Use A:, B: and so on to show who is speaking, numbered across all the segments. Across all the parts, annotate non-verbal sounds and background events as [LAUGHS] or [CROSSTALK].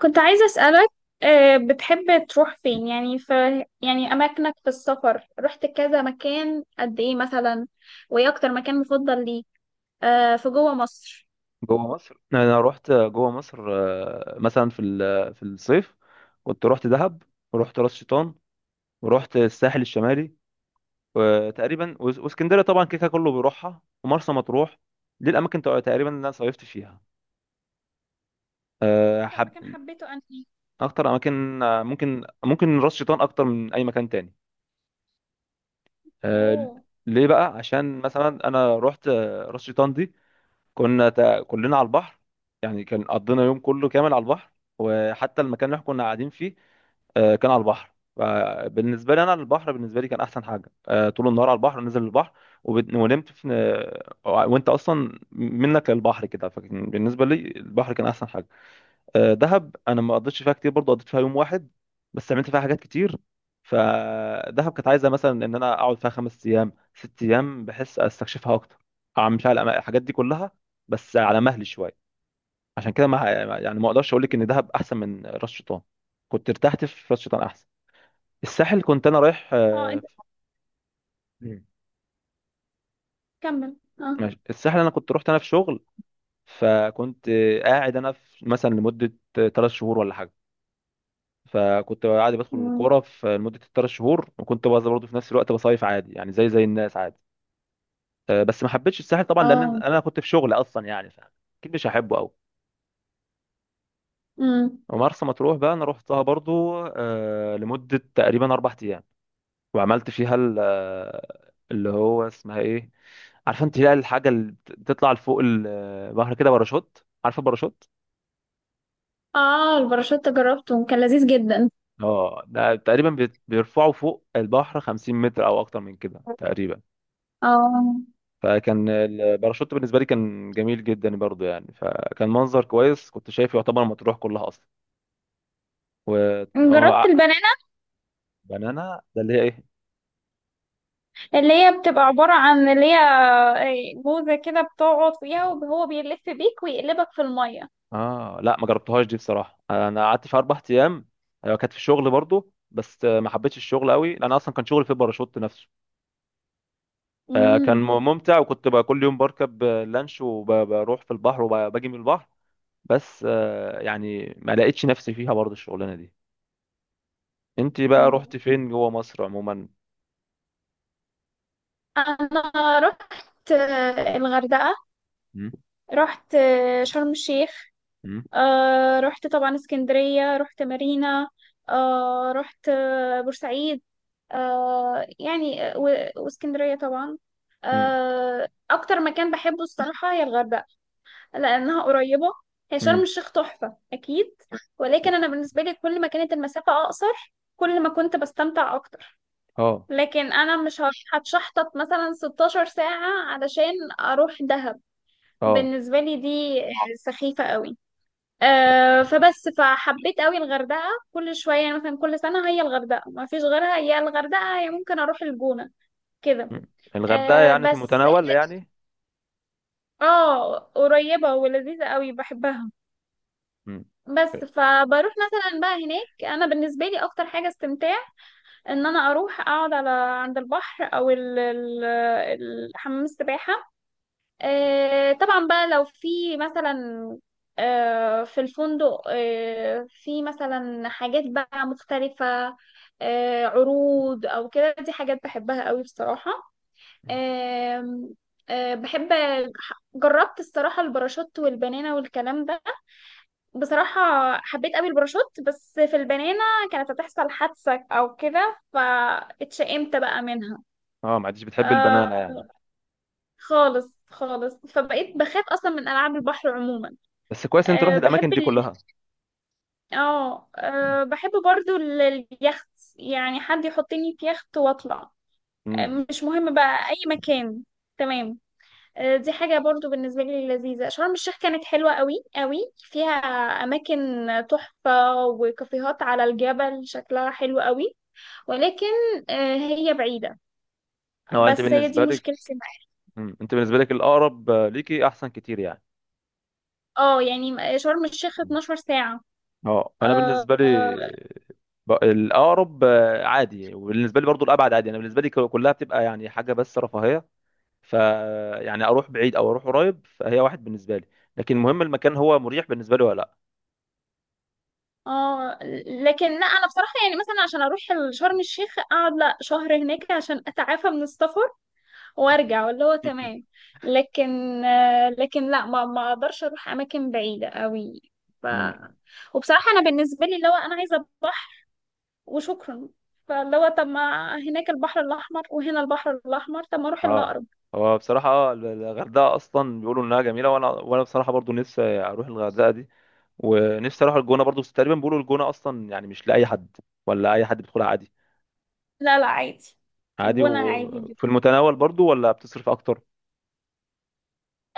A: كنت عايزة أسألك، بتحب تروح فين؟ يعني في يعني أماكنك في السفر، رحت كذا مكان قد إيه مثلا؟ وإيه أكتر مكان مفضل ليك؟ في جوه مصر؟
B: جوه مصر، انا رحت جوه مصر، مثلا في ال- آه، في الصيف كنت رحت دهب، ورحت راس شيطان، ورحت الساحل الشمالي، وتقريبا واسكندريه طبعا كيكا كله بيروحها، ومرسى مطروح. دي الاماكن تقريبا اللي انا صيفت فيها.
A: أكتر مكان
B: حب
A: حبيته أنهي؟
B: اكتر اماكن، ممكن راس شيطان اكتر من اي مكان تاني. آه،
A: أوه.
B: ليه بقى؟ عشان مثلا انا رحت راس شيطان دي، كنا كلنا على البحر، يعني كان قضينا يوم كله كامل على البحر. وحتى المكان اللي احنا كنا قاعدين فيه كان على البحر. فبالنسبة لي أنا البحر بالنسبة لي كان أحسن حاجة. طول النهار على البحر، نزل البحر، ونمت في، وأنت أصلا منك للبحر كده، فكان بالنسبة لي البحر كان أحسن حاجة. دهب انا ما قضيتش فيها كتير برضه، قضيت فيها يوم واحد بس عملت فيها حاجات كتير. فدهب كانت عايزه مثلا ان انا اقعد فيها 5 ايام 6 ايام، بحس استكشفها اكتر، اعمل فيها الحاجات دي كلها بس على مهلي شويه. عشان كده ما يعني ما اقدرش اقول لك ان دهب احسن من راس شيطان، كنت ارتحت في راس شيطان احسن. الساحل كنت انا رايح.
A: أه أنت،
B: مم.
A: كمل. أه.
B: ماشي. الساحل انا كنت رحت انا في شغل، فكنت قاعد انا في مثلا لمده 3 شهور ولا حاجه، فكنت عادي بدخل
A: مم.
B: الكوره في لمده ال3 شهور، وكنت بس برضه في نفس الوقت بصيف عادي، يعني زي الناس عادي. بس ما حبيتش الساحل طبعا، لان
A: أه.
B: انا كنت في شغل اصلا يعني، فاكيد مش هحبه قوي.
A: مم.
B: ومرسى مطروح بقى انا رحتها برضو لمده تقريبا 4 ايام. وعملت فيها اللي هو اسمها ايه؟ عارفه انت؟ لا، الحاجه اللي بتطلع لفوق البحر كده، باراشوت، عارفه باراشوت.
A: أه، الباراشوت جربته، كان لذيذ جدا.
B: اه ده تقريبا بيرفعوا فوق البحر 50 متر او اكتر من كده تقريبا.
A: أه
B: فكان الباراشوت بالنسبه لي كان جميل جدا برضو، يعني فكان منظر كويس، كنت شايف يعتبر مطروح كلها اصلا. و هو
A: جربت
B: ع-
A: البنانة؟
B: بنانا ده اللي هي ايه؟
A: اللي هي بتبقى عبارة عن اللي هي موزة كده، بتقعد فيها وهو بيلف بيك ويقلبك في المية.
B: اه لا، ما جربتهاش دي بصراحه، انا قعدت في 4 ايام. أيوة، كانت في الشغل برضو، بس ما حبيتش الشغل قوي، لان اصلا كان شغل في الباراشوت نفسه. فكان
A: مم.
B: ممتع. وكنت بقى كل يوم بركب لانش وبروح في البحر وباجي من البحر. بس يعني ما لقيتش نفسي فيها برضو الشغلانه دي. انت بقى
A: مم.
B: رحت فين جوه مصر عموما؟
A: أنا رحت الغردقة،
B: مم.
A: رحت شرم الشيخ،
B: مم.
A: رحت طبعا اسكندرية، رحت مارينا، رحت بورسعيد، يعني واسكندرية طبعا.
B: مم.
A: أكتر مكان بحبه الصراحة هي الغردقة، لأنها قريبة. هي شرم
B: امم.
A: الشيخ تحفة أكيد، ولكن أنا بالنسبة لي كل ما كانت المسافة أقصر، كل ما كنت بستمتع أكتر.
B: اه.
A: لكن انا مش هروح هتشحطط مثلا 16 ساعة علشان اروح دهب.
B: اه.
A: بالنسبة لي دي سخيفة قوي. أه فبس، فحبيت قوي الغردقة. كل شوية يعني، مثلا كل سنة هي الغردقة ما فيش غيرها، يا الغردقة يا ممكن اروح الجونة كده.
B: مم. الغردقه
A: أه
B: يعني في
A: بس،
B: متناول يعني.
A: اه قريبة ولذيذة قوي بحبها.
B: مم.
A: بس فبروح مثلا بقى هناك، انا بالنسبه لي اكتر حاجه استمتاع ان انا اروح اقعد على عند البحر، او حمام السباحه. طبعا بقى لو في مثلا في الفندق، في مثلا حاجات بقى مختلفة، عروض أو كده، دي حاجات بحبها قوي بصراحة. آم، آه، بحب. جربت الصراحة الباراشوت والبنانة والكلام ده، بصراحة حبيت قوي الباراشوت. بس في البنانة كانت هتحصل حادثة أو كده، فاتشائمت بقى منها.
B: اه، ما عادش بتحب البنانه
A: آه،
B: يعني.
A: خالص خالص، فبقيت بخاف أصلا من ألعاب البحر عموما.
B: بس كويس انت
A: أه
B: رحت
A: بحب
B: الاماكن دي
A: ال...
B: كلها.
A: اه
B: مم.
A: آه، بحب برضو اليخت. يعني حد يحطني في يخت واطلع. أه
B: مم.
A: مش مهم بقى اي مكان. تمام. أه دي حاجة برضو بالنسبة لي لذيذة. شرم الشيخ كانت حلوة قوي قوي، فيها اماكن تحفة، وكافيهات على الجبل شكلها حلو قوي. ولكن أه هي بعيدة.
B: اه، انت
A: بس هي دي
B: بالنسبه لك.
A: مشكلتي معاها.
B: مم. انت بالنسبه لك الاقرب ليكي احسن كتير يعني.
A: اه يعني شرم الشيخ
B: مم.
A: 12 ساعة.
B: اه، انا
A: آه،
B: بالنسبه لي
A: آه،
B: الاقرب عادي، وبالنسبه لي برضو الابعد عادي. انا بالنسبه لي كلها بتبقى يعني حاجه بس رفاهيه. ف يعني اروح بعيد او اروح قريب، فهي واحد بالنسبه لي. لكن المهم المكان هو مريح بالنسبه لي ولا
A: اه. لكن لا، انا بصراحه يعني مثلا عشان اروح شرم الشيخ اقعد لا شهر هناك عشان اتعافى من السفر وارجع، واللي هو تمام. لكن لا، ما اقدرش اروح اماكن بعيده قوي. ف،
B: لا. [LAUGHS]
A: وبصراحه انا بالنسبه لي اللي هو انا عايزه بحر وشكرا. فاللي هو طب ما هناك البحر الاحمر وهنا البحر الاحمر، طب ما اروح
B: اه.
A: الاقرب.
B: هو بصراحة الغردقة أصلا بيقولوا إنها جميلة، وأنا بصراحة برضو نفسي أروح الغردقة دي. ونفسي أروح الجونة برضو، بس تقريبا بيقولوا الجونة أصلا يعني مش لأي حد، ولا أي حد بيدخلها عادي.
A: لا لا عادي.
B: عادي
A: الجونه عادي.
B: وفي المتناول برضو ولا بتصرف أكتر؟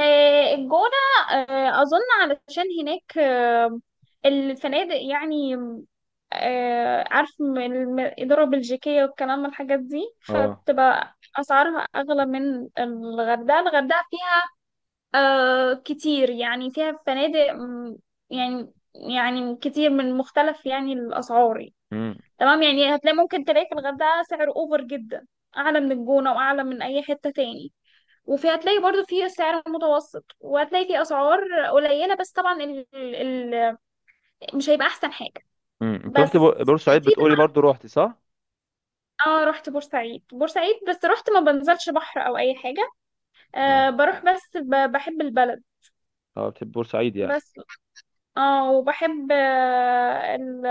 A: الجونة، أظن علشان هناك الفنادق يعني، عارف الإدارة البلجيكية والكلام من الحاجات دي،
B: اه.
A: فبتبقى أسعارها أغلى من الغردقة. الغردقة فيها كتير، يعني فيها فنادق يعني، كتير من مختلف يعني الأسعار يعني.
B: امم.
A: تمام، يعني هتلاقي، ممكن تلاقي في الغردقة سعر أوفر جدا، أعلى من الجونة وأعلى من أي حتة تاني. وفي هتلاقي برضو في سعر متوسط، وهتلاقي في اسعار قليله، بس طبعا مش هيبقى احسن حاجه.
B: امم، أنت رحت
A: بس في.
B: بورسعيد بتقولي برضو، روحتي صح؟
A: طبعا اه رحت بورسعيد. بس رحت، ما بنزلش بحر او اي حاجه.
B: اه.
A: آه بروح بس بحب البلد.
B: اه، بتحب بورسعيد يعني.
A: بس اه، وبحب آه ال...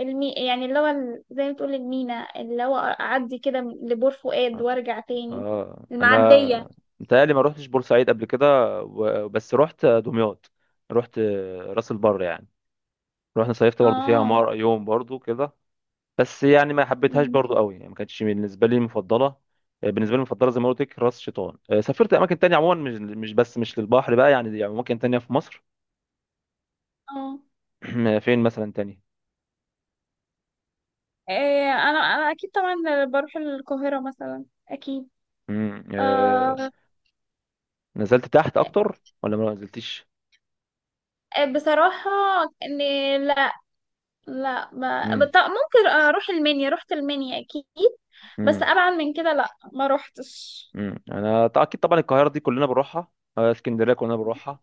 A: المي... يعني اللي هو زي ما تقول المينا، اللي هو اعدي كده لبور فؤاد وارجع تاني.
B: اه،
A: المعديه.
B: أنا متهيألي ما روحتش بورسعيد قبل كده، بس روحت دمياط، روحت راس البر يعني، رحنا صيفت برضو فيها
A: اه.
B: مرة يوم برضو كده. بس يعني ما حبيتهاش
A: مم.
B: برضو قوي يعني، ما كانتش بالنسبه لي مفضله. بالنسبه لي المفضله زي ما قلت لك راس شيطان. سافرت اماكن تانية عموما، مش بس مش للبحر بقى يعني، يعني اماكن تانية في مصر.
A: اه.
B: [CLEARS THROAT] فين مثلا تاني؟
A: إيه، انا اكيد طبعا بروح القاهرة مثلا اكيد.
B: مم.
A: آه.
B: نزلت تحت اكتر ولا ما نزلتش؟
A: إيه، بصراحة ان لا. لا ما
B: مم.
A: بط- ممكن اروح المنيا، رحت المنيا اكيد. بس
B: مم.
A: ابعد من كده لا ما روحتش.
B: امم، انا اكيد طبعا القاهره دي كلنا بنروحها. اسكندريه كلنا بنروحها.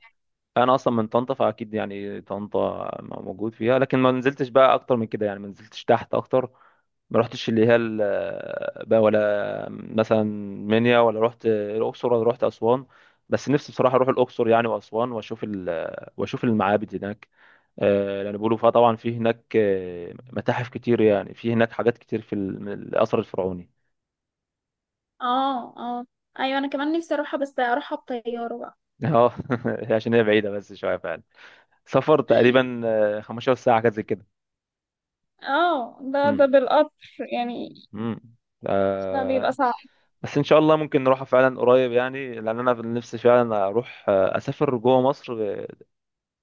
B: انا اصلا من طنطا، فاكيد يعني طنطا موجود فيها، لكن ما نزلتش بقى اكتر من كده يعني، ما نزلتش تحت اكتر. ما رحتش بقى، ولا مثلا منيا، ولا رحت الاقصر، ولا رحت اسوان. بس نفسي بصراحه اروح الاقصر يعني، واسوان، واشوف المعابد هناك. لان بيقولوا فيها طبعا في هناك متاحف كتير، يعني في هناك حاجات كتير في الاثر الفرعوني.
A: اه اه. ايوه انا كمان نفسي اروحها بس اروحها بطيارة بقى.
B: اه [LAUGHS] عشان هي بعيدة بس شوية فعلا. سفر تقريبا 15 ساعة كده زي كده.
A: اه ده
B: امم.
A: بالقطر يعني.
B: امم.
A: ده بيبقى
B: آه.
A: صعب.
B: بس ان شاء الله ممكن نروحها فعلا قريب يعني، لان انا في نفسي فعلا اروح، اسافر جوه مصر.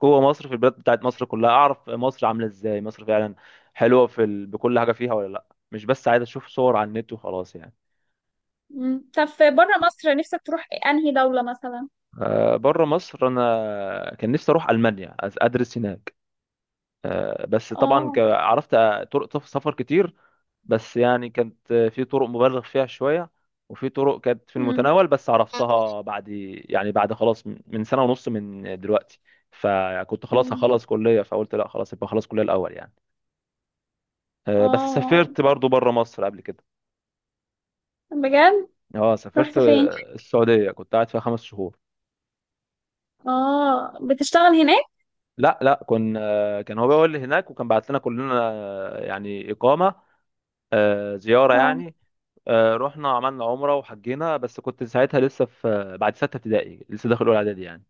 B: جوه مصر في البلاد بتاعت مصر كلها، اعرف مصر عاملة ازاي، مصر فعلا حلوة في ال... بكل حاجة فيها ولا لا. مش بس عايز اشوف صور على النت وخلاص يعني.
A: مم. طب في بره مصر نفسك تروح انهي دولة مثلا؟
B: آه، بره مصر انا كان نفسي اروح المانيا، ادرس هناك. بس طبعا
A: اه.
B: عرفت طرق سفر كتير. بس يعني كانت في طرق مبالغ فيها شوية، وفي طرق كانت في
A: مم.
B: المتناول بس عرفتها بعد يعني، بعد خلاص من سنة ونص من دلوقتي. فكنت خلاص
A: مم.
B: هخلص كلية، فقلت لا خلاص، يبقى خلاص كلية الأول يعني. بس
A: اه
B: سافرت برضو بره مصر قبل كده.
A: بجد.
B: اه، سافرت
A: رحت فين؟
B: السعودية، كنت قاعد فيها 5 شهور.
A: اه بتشتغل هناك؟
B: لا لا، كان هو بيقول لي هناك، وكان بعت لنا كلنا يعني إقامة، زيارة
A: اه
B: يعني. رحنا عملنا عمرة وحجينا، بس كنت ساعتها لسه في، بعد ستة ابتدائي، لسه داخل أولى إعدادي يعني.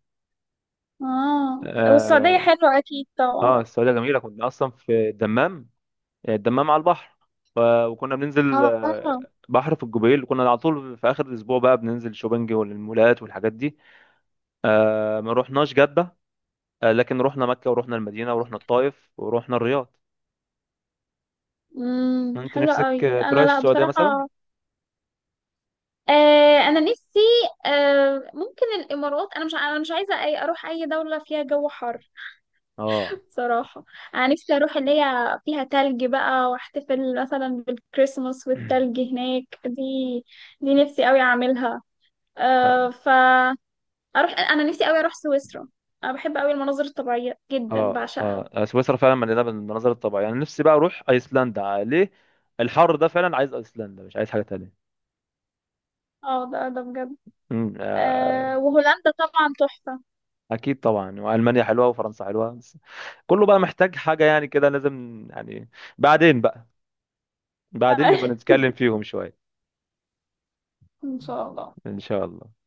A: اه، والسعودية
B: اه،
A: حلوة اكيد طبعا.
B: السعودية جميلة. كنا أصلا في الدمام، الدمام على البحر. وكنا بننزل
A: اه
B: بحر في الجبيل، كنا على طول في آخر الأسبوع بقى بننزل شوبنج والمولات والحاجات دي. ما رحناش جدة، لكن رحنا مكة، ورحنا المدينة، ورحنا الطائف، ورحنا الرياض. أنت
A: حلوة
B: نفسك
A: قوي.
B: تروح
A: انا لا
B: السعودية مثلا؟
A: بصراحة، آه انا نفسي آه ممكن الامارات. انا مش عايزة اي اروح اي دولة فيها جو حر
B: اه.
A: صراحة. انا نفسي اروح اللي هي فيها تلج بقى، واحتفل مثلا بالكريسماس والتلج هناك. دي نفسي قوي اعملها.
B: [CLEARS THROAT]
A: آه ف اروح، انا نفسي قوي اروح سويسرا. انا بحب قوي المناظر الطبيعيه جدا،
B: اه.
A: بعشقها.
B: اه، سويسرا فعلا مليانه بالمناظر الطبيعيه يعني. نفسي بقى اروح ايسلندا عليه الحر ده، فعلا عايز ايسلندا، مش عايز حاجه تانية.
A: اه ده بجد.
B: امم. آه.
A: آه وهولندا طبعا تحفه.
B: اكيد طبعا، والمانيا حلوه، وفرنسا حلوه، بس كله بقى محتاج حاجه يعني كده، لازم يعني. بعدين بقى، بعدين نبقى
A: [LAUGHS]
B: نتكلم فيهم شويه.
A: ان شاء الله.
B: ان شاء الله.